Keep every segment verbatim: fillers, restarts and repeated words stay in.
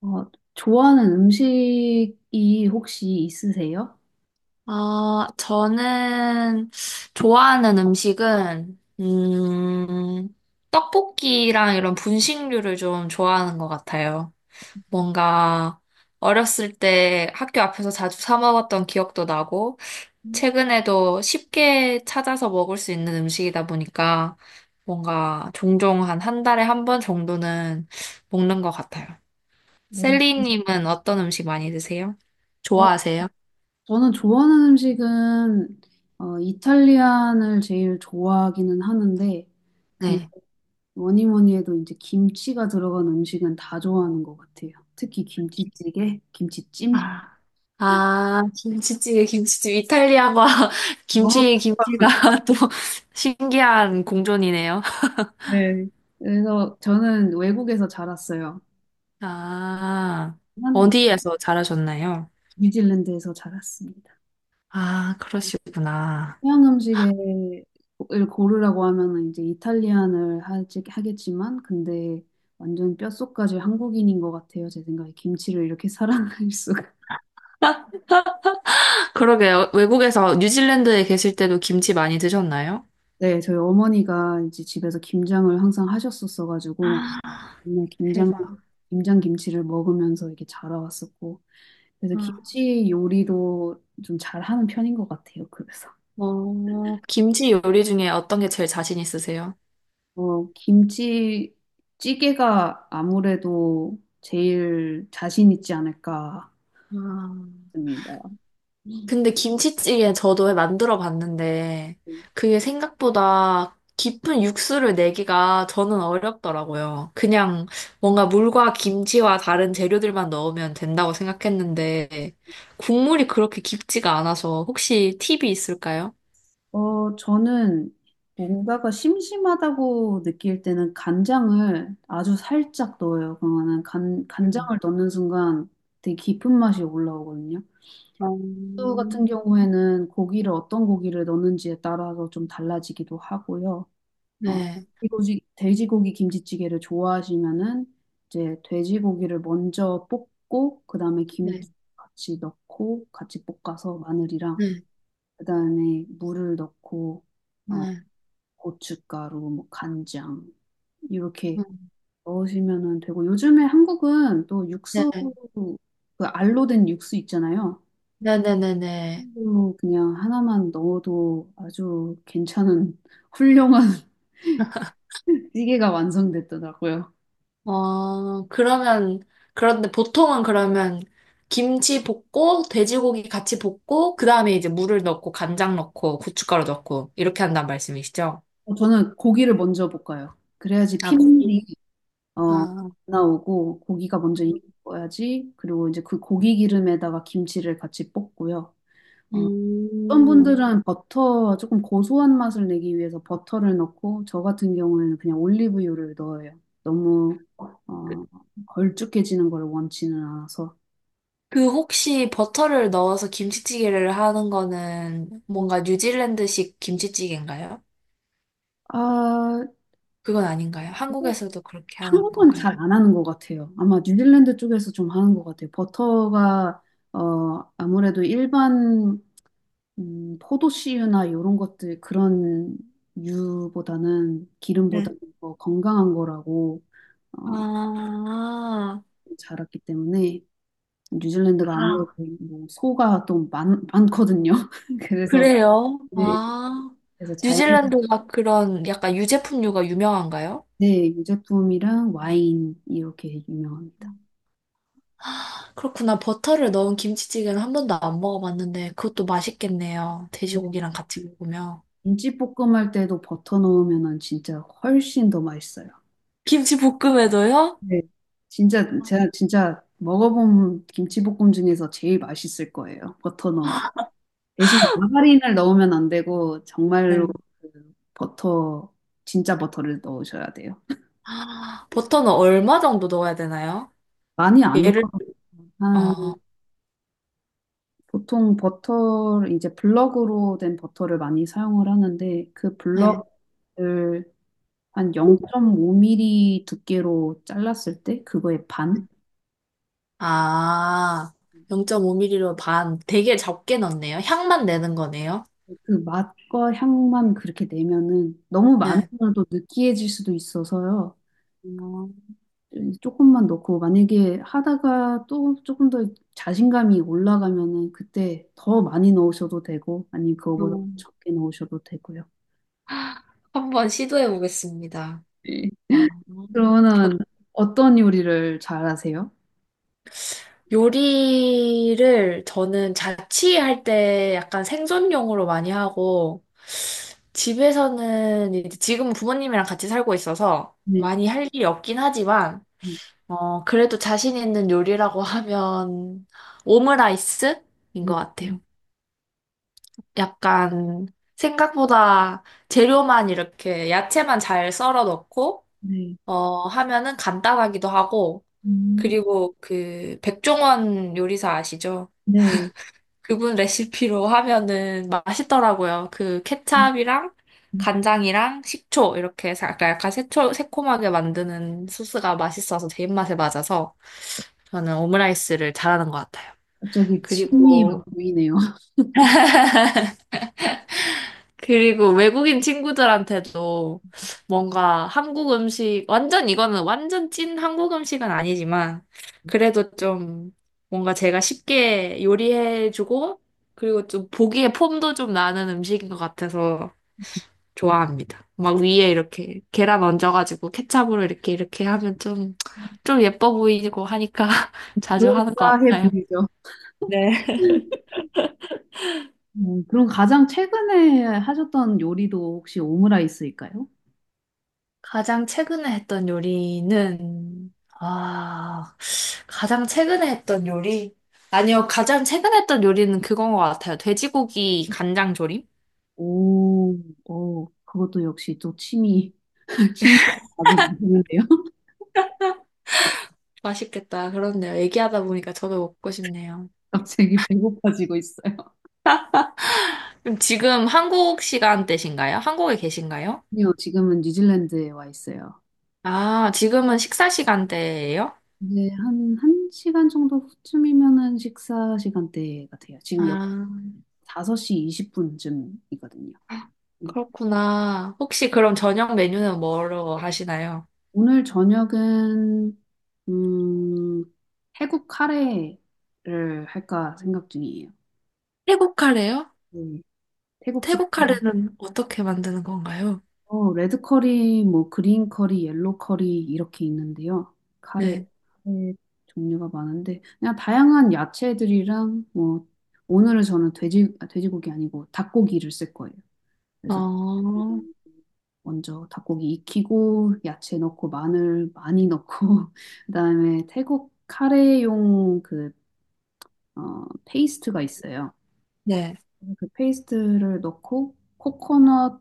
어, 좋아하는 음식이 혹시 있으세요? 아, 저는 좋아하는 음식은, 음, 떡볶이랑 이런 분식류를 좀 좋아하는 것 같아요. 뭔가 어렸을 때 학교 앞에서 자주 사 먹었던 기억도 나고, 음, 최근에도 쉽게 찾아서 먹을 수 있는 음식이다 보니까 뭔가 종종 한 한 달에 한 번 정도는 먹는 것 같아요. 어려워. 셀리님은 어떤 음식 많이 드세요? 어, 좋아하세요? 저는 좋아하는 음식은 어, 이탈리안을 제일 좋아하기는 하는데, 근데 네. 뭐니 뭐니 해도 이제 김치가 들어간 음식은 다 좋아하는 것 같아요. 특히 김치찌개, 김치찜. 아, 김치찌개, 김치찜. 이탈리아와 너무, 김치의 김치가 또 신기한 공존이네요. 네. 그래서 저는 외국에서 자랐어요. 아, 한 어디에서 자라셨나요? 뉴질랜드에서 자랐습니다. 아, 그러시구나. 서양 음식을 고르라고 하면은 이제 이탈리안을 하지, 하겠지만, 근데 완전 뼛속까지 한국인인 것 같아요. 제 생각에 김치를 이렇게 사랑할 수가. 그러게요. 외국에서 뉴질랜드에 계실 때도 김치 많이 드셨나요? 네, 저희 어머니가 이제 집에서 김장을 항상 하셨었어가지고, 맨날 김장, 대박. 김장 김치를 먹으면서 이렇게 자라왔었고, 그래서 아. 김치 요리도 좀 잘하는 편인 것 같아요. 그래서. 어, 김치 요리 중에 어떤 게 제일 자신 있으세요? 어, 김치찌개가 아무래도 제일 자신 있지 않을까. 아. 맞습니다. 근데 김치찌개 저도 만들어 봤는데 그게 생각보다 깊은 육수를 내기가 저는 어렵더라고요. 그냥 뭔가 물과 김치와 다른 재료들만 넣으면 된다고 생각했는데 국물이 그렇게 깊지가 않아서 혹시 팁이 있을까요? 어, 저는 뭔가가 심심하다고 느낄 때는 간장을 아주 살짝 넣어요. 그러면은 간, 음. 간장을 넣는 순간 되게 깊은 맛이 올라오거든요. 또 같은 음. 경우에는 고기를 어떤 고기를 넣는지에 따라서 좀 달라지기도 하고요. 어, 네, 돼지고기, 돼지고기 김치찌개를 좋아하시면은 이제 돼지고기를 먼저 볶고 그다음에 네, 김치 같이 넣고 같이 볶아서 마늘이랑 네, 그다음에 물을 넣고 어, 네, 고춧가루, 뭐 간장 이렇게 네, 넣으시면은 되고 요즘에 한국은 또 네, 육수 그 알로 된 육수 있잖아요. 네, 네, 네. 네. 그걸로 그냥 하나만 넣어도 아주 괜찮은 훌륭한 찌개가 완성됐더라고요. 어, 그러면, 그런데 보통은 그러면 김치 볶고, 돼지고기 같이 볶고, 그 다음에 이제 물을 넣고, 간장 넣고, 고춧가루 넣고, 이렇게 한는 말씀이시죠? 어, 저는 고기를 먼저 볶아요. 그래야지 아, 고기. 핏물이 어, 아, 나오고 고기가 먼저 익어야지. 그리고 이제 그 고기 기름에다가 김치를 같이 볶고요. 어, 어떤 음. 분들은 버터, 조금 고소한 맛을 내기 위해서 버터를 넣고, 저 같은 경우에는 그냥 올리브유를 넣어요. 너무, 어, 걸쭉해지는 걸 원치는 않아서. 그 혹시 버터를 넣어서 김치찌개를 하는 거는 뭔가 뉴질랜드식 김치찌개인가요? 아, 그건 아닌가요? 한국에서도 그렇게 하는 한국은 건가요? 잘 안 하는 것 같아요. 아마 뉴질랜드 쪽에서 좀 하는 것 같아요. 버터가, 어, 아무래도 일반, 음, 포도씨유나 이런 것들, 그런 유보다는, 네. 기름보다는 더 건강한 거라고, 어, 아, 자랐기 때문에. 뉴질랜드가 아무래도 아. 뭐 소가 또 많, 많거든요. 그래서 그래요? 네, 아, 그래서 자연 뉴질랜드가 그런 약간 유제품류가 유명한가요? 네, 유제품이랑 와인 이렇게 유명합니다. 그렇구나. 버터를 넣은 김치찌개는 한 번도 안 먹어봤는데 그것도 맛있겠네요. 네, 돼지고기랑 같이 먹으면. 김치볶음 할 때도 버터 넣으면은 진짜 훨씬 더 맛있어요. 김치볶음에도요? 네. 진짜 제가 진짜 먹어본 김치볶음 중에서 제일 맛있을 거예요. 버터 넣은. 대신 마가린을 넣으면 안 되고 정말로 네. 그 버터 진짜 버터를 넣으셔야 돼요. 아, 버터는 얼마 정도 넣어야 되나요? 많이 안 얘를, 넣어. 어, 보통 버터를 이제 블럭으로 된 버터를 많이 사용을 하는데 그 네. 블럭을 한 영 점 오 밀리미터 두께로 잘랐을 때 그거의 반? 아, 영 오 m 리로 반. 되게 적게 넣네요. 향만 내는 거네요. 그 맛과 향만 그렇게 내면은 너무 네. 많으면 또 느끼해질 수도 있어서요. 음, 조금만 넣고 만약에 하다가 또 조금 더 자신감이 올라가면은 그때 더 많이 넣으셔도 되고 아니면 그거보다 음. 적게 넣으셔도 되고요. 한번 시도해 보겠습니다. 네. 아, 저- 그러면은 어떤 요리를 잘하세요? 요리를 저는 자취할 때 약간 생존용으로 많이 하고, 집에서는 이제 지금 부모님이랑 같이 살고 있어서 네. 많이 할 일이 없긴 하지만, 음, 어, 그래도 자신 있는 요리라고 하면 오므라이스인 음, 것 같아요. 음, 약간 생각보다 재료만 이렇게 야채만 잘 썰어 넣고, 네. 어, 하면은 간단하기도 하고, 음, 그리고 그 백종원 요리사 아시죠? 네. 그분 레시피로 하면은 맛있더라고요. 그 음, 케찹이랑 음. 간장이랑 식초 이렇게 사- 약간 약간 새초, 새콤하게 만드는 소스가 맛있어서 제 입맛에 맞아서 저는 오므라이스를 잘하는 것 같아요. 갑자기 침이 막 그리고 보이네요. 그리고 외국인 친구들한테도 뭔가 한국 음식, 완전 이거는 완전 찐 한국 음식은 아니지만, 그래도 좀 뭔가 제가 쉽게 요리해주고, 그리고 좀 보기에 폼도 좀 나는 음식인 것 같아서 좋아합니다. 막 위에 이렇게 계란 얹어가지고 케첩으로 이렇게 이렇게 하면 좀, 좀 예뻐 보이고 하니까 자주 하는 것 그럴싸해 같아요. 보이죠. 네. 음, 그럼 가장 최근에 하셨던 요리도 혹시 오므라이스일까요? 가장 최근에 했던 요리는, 아, 가장 최근에 했던 요리? 아니요, 가장 최근에 했던 요리는 그건 것 같아요. 돼지고기 간장조림? 오, 오, 그것도 역시 또 침이, 침도 나도 드는데요. 맛있겠다. 그렇네요. 얘기하다 보니까 저도 먹고 싶네요. 갑자기 배고파지고 있어요. 그럼 지금 한국 시간대신가요? 한국에 계신가요? 아니요, 지금은 뉴질랜드에 와 있어요. 아, 지금은 식사 시간대예요? 이제 한, 한 시간 정도 후쯤이면은 식사 시간대 같아요. 지금 여 아, 다섯 시 이십 분쯤이거든요. 그렇구나. 혹시 그럼 저녁 메뉴는 뭐로 하시나요? 오늘 저녁은 음, 태국 카레를 할까 생각 중이에요. 태국 카레요? 네. 태국식 태국 카레는 어떻게 만드는 건가요? 어, 레드 커리, 뭐 그린 커리, 옐로 커리 이렇게 있는데요. 카레, 네. 카레 종류가 많은데 그냥 다양한 야채들이랑 뭐 오늘은 저는 돼지 아, 돼지고기 아니고 닭고기를 쓸 거예요. 그래서 어, 먼저 닭고기 익히고 야채 넣고 마늘 많이 넣고 그다음에 태국 카레용 그 어, 페이스트가 있어요. 네. 그 페이스트를 넣고 코코넛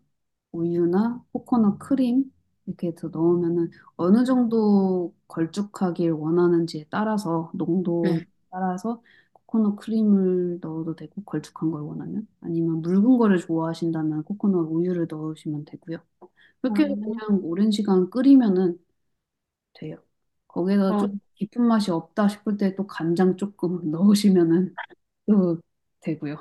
우유나 코코넛 크림 이렇게 해서 넣으면은 어느 정도 걸쭉하길 원하는지에 따라서 농도에 네. 따라서 코코넛 크림을 넣어도 되고 걸쭉한 걸 원하면 아니면 묽은 거를 좋아하신다면 코코넛 우유를 넣으시면 되고요. 그렇게 해서 아, 그냥 오랜 시간 끓이면은 돼요. 거기에서 조금 깊은 맛이 없다 싶을 때 또 간장 조금 넣으시면은 넣어도 되고요.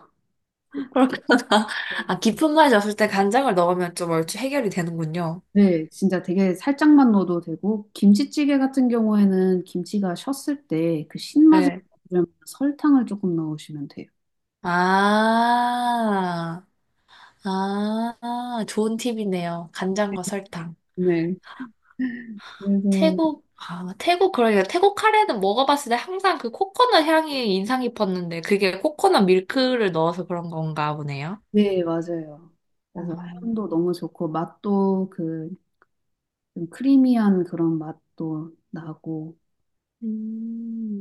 어, 그렇구나. 아, 깊은 맛이 없을 때 간장을 넣으면 좀 얼추 해결이 되는군요. 네, 진짜 되게 살짝만 넣어도 되고, 김치찌개 같은 경우에는 김치가 셨을 때 그 신맛을 네. 주려면 설탕을 조금 넣으시면 돼요. 아, 아, 아, 좋은 팁이네요. 간장과 설탕. 네. 그래서 태국, 아, 태국, 그러니까 태국 카레는 먹어봤을 때 항상 그 코코넛 향이 인상 깊었는데 그게 코코넛 밀크를 넣어서 그런 건가 보네요. 네, 맞아요. 그래서 음, 향도 너무 좋고, 맛도 그, 좀 크리미한 그런 맛도 나고, 음,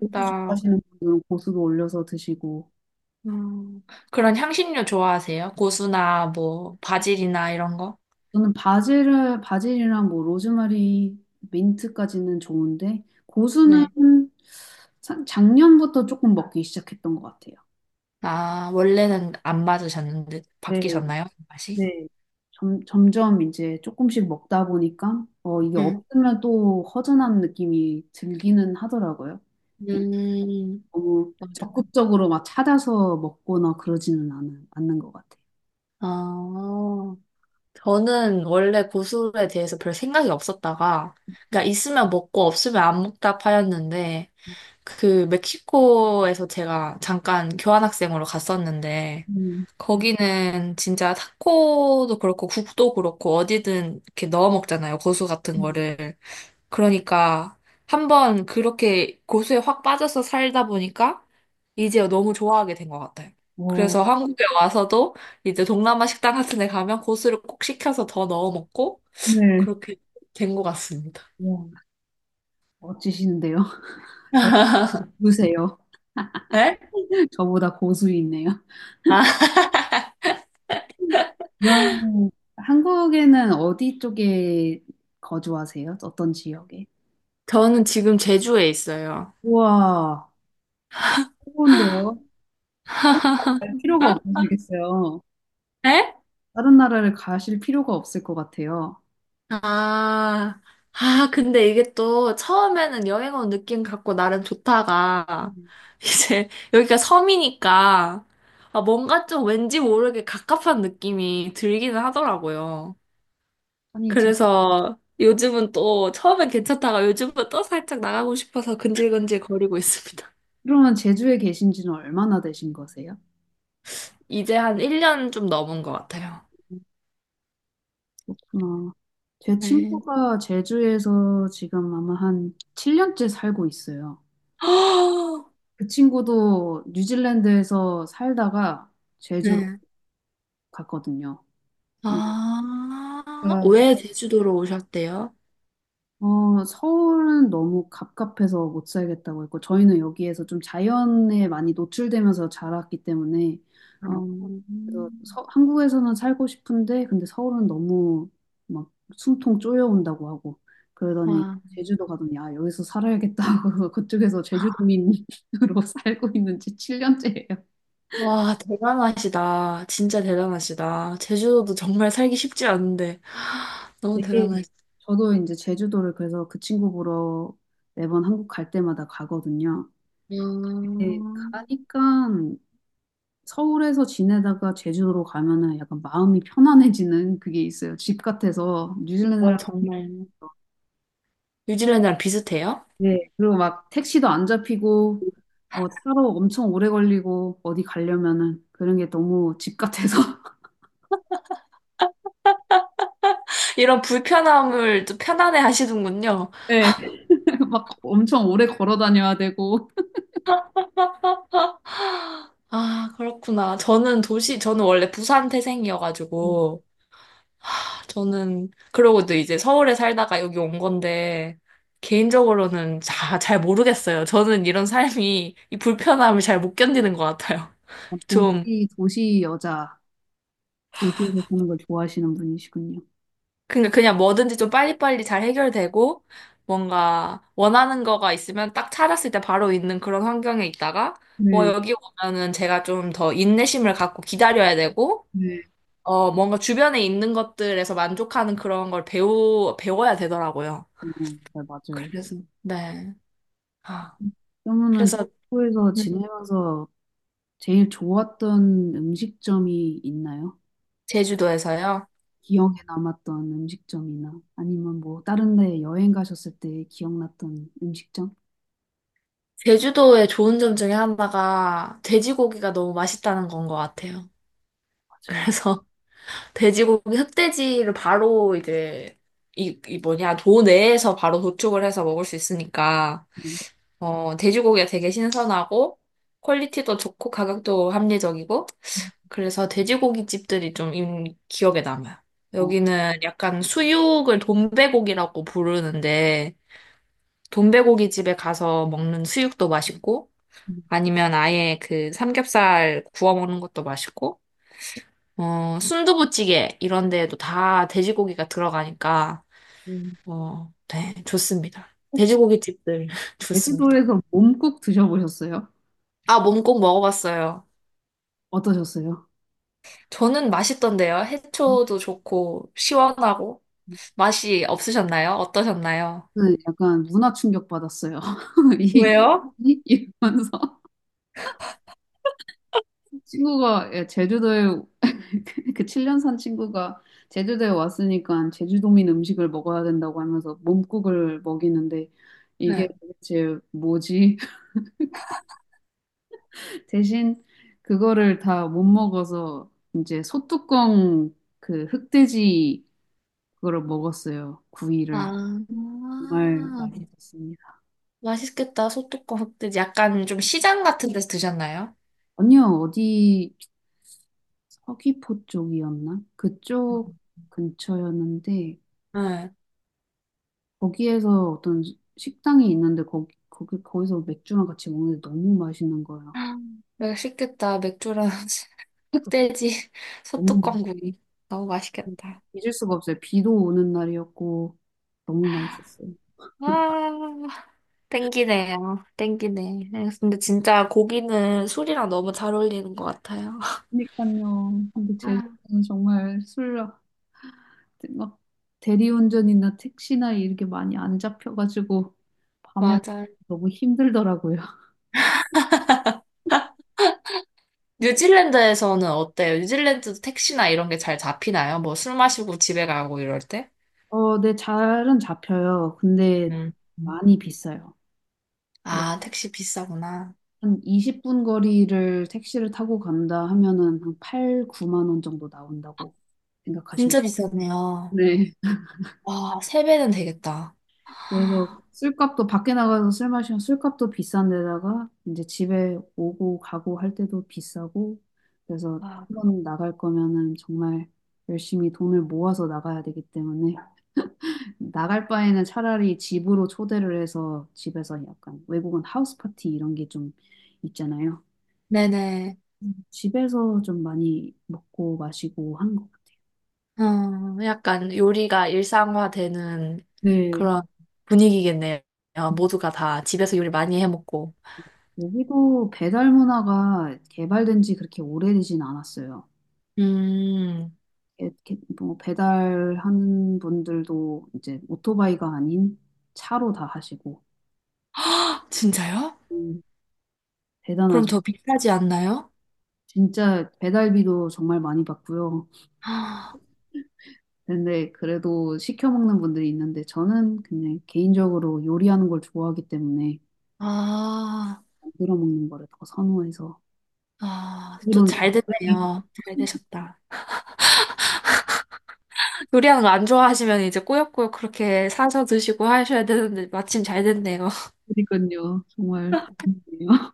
고수 좋아하시는 분들은 고수도 올려서 드시고, 음, 그런 향신료 좋아하세요? 고수나 뭐 바질이나 이런 거? 저는 바질을, 바질이랑 뭐 로즈마리, 민트까지는 좋은데, 고수는 네. 사- 작년부터 조금 먹기 시작했던 것 같아요. 아, 원래는 안 맞으셨는데 네, 바뀌셨나요? 그 맛이? 네. 점, 점점 이제 조금씩 먹다 보니까, 어, 이게 응, 없으면 또 허전한 느낌이 들기는 하더라고요. 음, 너무 맞아. 적극적으로 막 찾아서 먹거나 그러지는 않, 않는 것 같아요. 아, 저는 원래 고수에 대해서 별 생각이 없었다가, 그러니까 있으면 먹고 없으면 안 먹다 파였는데, 그 멕시코에서 제가 잠깐 교환학생으로 갔었는데, 음, 거기는 진짜 타코도 그렇고 국도 그렇고 어디든 이렇게 넣어 먹잖아요. 고수 같은 음. 거를. 그러니까 한 번 그렇게 고수에 확 빠져서 살다 보니까 이제 너무 좋아하게 된 것 같아요. 어, 그래서 한국에 와서도 이제 동남아 식당 같은 데 가면 고수를 꼭 시켜서 더 넣어 먹고 오늘, 그렇게 된 것 같습니다. 와, 멋지시는데요? 저 고수세요. 네? 저보다 고수이네요. 아, 그럼 한국에는 어디 쪽에 거주하세요? 어떤 지역에? 저는 지금 제주에 있어요. 우와, 좋은데요? 다른 나라 갈 필요가 없으시겠어요? 네? 다른 나라를 가실 필요가 없을 것 같아요. 아, 아, 근데 이게 또 처음에는 여행 온 느낌 갖고 나름 좋다가, 음. 이제 여기가 섬이니까, 아, 뭔가 좀 왠지 모르게 갑갑한 느낌이 들기는 하더라고요. 아니, 제, 그래서 요즘은 또 처음엔 괜찮다가 요즘은 또 살짝 나가고 싶어서 근질근질 거리고 있습니다. 그러면 제주에 계신 지는 얼마나 되신 거세요? 이제 한 일 년 좀 넘은 것 같아요. 어, 제 네. 친구가 제주에서 지금 아마 한 칠 년째 살고 있어요. 그 친구도 뉴질랜드에서 살다가 제주로 네. 갔거든요. 아, 왜 제주도로 오셨대요? 어, 서울은 너무 갑갑해서 못 살겠다고 했고, 저희는 여기에서 좀 자연에 많이 노출되면서 자랐기 때문에, 아... 어, 그래서 서- 한국에서는 살고 싶은데, 근데 서울은 너무 막 숨통 쪼여온다고 하고, 그러더니 와, 제주도 가더니, 아, 여기서 살아야겠다 하고, 그쪽에서 제주도민으로 살고 있는 지 칠 년째예요. 와, 대단하시다. 진짜 대단하시다. 제주도도 정말 살기 쉽지 않은데. 너무 되게 대단하시다. 저도 이제 제주도를 그래서 그 친구 보러 매번 한국 갈 때마다 가거든요. 네, 음, 가니까 서울에서 지내다가 제주도로 가면은 약간 마음이 편안해지는 그게 있어요. 집 같아서 와, 뉴질랜드랑 정말. 뉴질랜드랑 비슷해요? 네. 그리고 막 택시도 안 잡히고 어, 차로 엄청 오래 걸리고 어디 가려면은 그런 게 너무 집 같아서 이런 불편함을 또 편안해 하시는군요. 네. 막 엄청 오래 걸어 다녀야 되고 아, 그렇구나. 저는 도시, 저는 원래 부산 태생이어가지고, 저는, 그러고도 이제 서울에 살다가 여기 온 건데, 개인적으로는 자, 잘 모르겠어요. 저는 이런 삶이, 이 불편함을 잘 못 견디는 것 같아요. 음, 좀, 도시 도시 여자 도시에서 사는 걸 좋아하시는 분이시군요. 그러니까 그냥 뭐든지 좀 빨리빨리 잘 해결되고 뭔가 원하는 거가 있으면 딱 찾았을 때 바로 있는 그런 환경에 있다가 뭐 네, 여기 오면은 제가 좀 더 인내심을 갖고 기다려야 되고 네. 어 뭔가 주변에 있는 것들에서 만족하는 그런 걸 배우 배워야 되더라고요. 어, 네, 맞아요. 그래서 네. 아, 그러면은 그래서 도쿄에서 네, 지내면서 제일 좋았던 음식점이 있나요? 제주도에서요. 기억에 남았던 음식점이나 아니면 뭐 다른 데 여행 가셨을 때 기억났던 음식점? 제주도의 좋은 점 중에 하나가 돼지고기가 너무 맛있다는 건 것 같아요. 맞아요. 그래서 돼지고기 흑돼지를 바로 이제 이, 이 뭐냐 도 내에서 바로 도축을 해서 먹을 수 있으니까 음, 어 돼지고기가 되게 신선하고 퀄리티도 좋고 가격도 합리적이고 그래서 돼지고기 집들이 좀 인- 기억에 남아요. 어, 여기는 약간 수육을 돈베고기라고 부르는데 돈베고기 집에 가서 먹는 수육도 맛있고 음, 아니면 아예 그 삼겹살 구워 먹는 것도 맛있고 어, 순두부찌개 이런 데에도 다 돼지고기가 들어가니까 음. 어, 네, 좋습니다. 혹시 돼지고기 집들 좋습니다. 제주도에서 몸국 드셔보셨어요? 아, 몸꼭 먹어봤어요. 어떠셨어요? 저는 맛있던데요. 해초도 좋고 시원하고 맛이 없으셨나요? 어떠셨나요? 저는 약간 문화 충격 받았어요. 이, 왜요? 이- 이러면서. 친구가 예, 제주도에 그 칠 년 산 친구가 제주도에 왔으니까 제주도민 음식을 먹어야 된다고 하면서 몸국을 먹이는데 이게 네. 도대체 뭐지? 대신 그거를 다 못 먹어서 이제 소뚜껑 그 흑돼지 그거를 먹었어요. 구이를. 아, 정말 맛있었습니다. 맛있겠다. 소뚜껑 흑돼지 약간 좀 시장 같은 데서 드셨나요? 아니요, 어디 서귀포 쪽이었나? 그쪽 근처였는데 네. 거기에서 어떤 식당이 있는데 거기, 거기 거기서 맥주랑 같이 먹는데 너무 맛있는 거예요. 맛있겠다. 맥주랑 흑돼지 너무 소뚜껑구이. 너무 맛있- 맛있겠다. 잊을 수가 없어요. 비도 오는 날이었고 너무 맛있었어요. 아, 땡기네요. 땡기네. 근데 진짜 고기는 술이랑 너무 잘 어울리는 것 같아요. 그러니까요. 근데 아, 제주도는 정말 술 막 대리운전이나 택시나 이렇게 많이 안 잡혀가지고 밤에 맞아요. 너무 힘들더라고요. 뉴질랜드에서는 어때요? 뉴질랜드도 택시나 이런 게 잘 잡히나요? 뭐 술 마시고 집에 가고 이럴 때? 어, 네, 잘은 잡혀요. 근데 음. 음. 많이 비싸요. 아, 택시 비싸구나. 한 이십 분 거리를 택시를 타고 간다 하면은 한 팔, 구만 원 정도 나온다고 생각하시면 진짜 비싸네요. 돼요. 네. 와, 세 배는 되겠다. 그래서 아, 술값도 밖에 나가서 술 마시면 술값도 비싼 데다가 이제 집에 오고 가고 할 때도 비싸고 그래서 와. 한 번 나갈 거면은 정말 열심히 돈을 모아서 나가야 되기 때문에 나갈 바에는 차라리 집으로 초대를 해서 집에서 약간 외국은 하우스 파티 이런 게 좀 있잖아요. 네네. 집에서 좀 많이 먹고 마시고 하는 것 같아요. 음, 약간 요리가 일상화되는 네. 그런 분위기겠네요. 모두가 다 집에서 요리 많이 해 먹고. 여기도 배달 문화가 개발된 지 그렇게 오래되진 않았어요. 음, 렇 게- 뭐 배달하는 분들도 이제 오토바이가 아닌 차로 다 하시고 헉, 진짜요? 음, 그럼 대단하죠. 더 비싸지 않나요? 진짜 배달비도 정말 많이 받고요. 아, 근데 그래도 시켜 먹는 분들이 있는데 저는 그냥 개인적으로 요리하는 걸 좋아하기 때문에 아, 만들어 먹는 거를 더 선호해서 아, 또 물론 잘 됐네요. 잘 되셨다. 요리하는 거 안 좋아하시면 이제 꾸역꾸역 그렇게 사서 드시고 하셔야 되는데 마침 잘 됐네요. 그러니까요. 정말 다행이에요.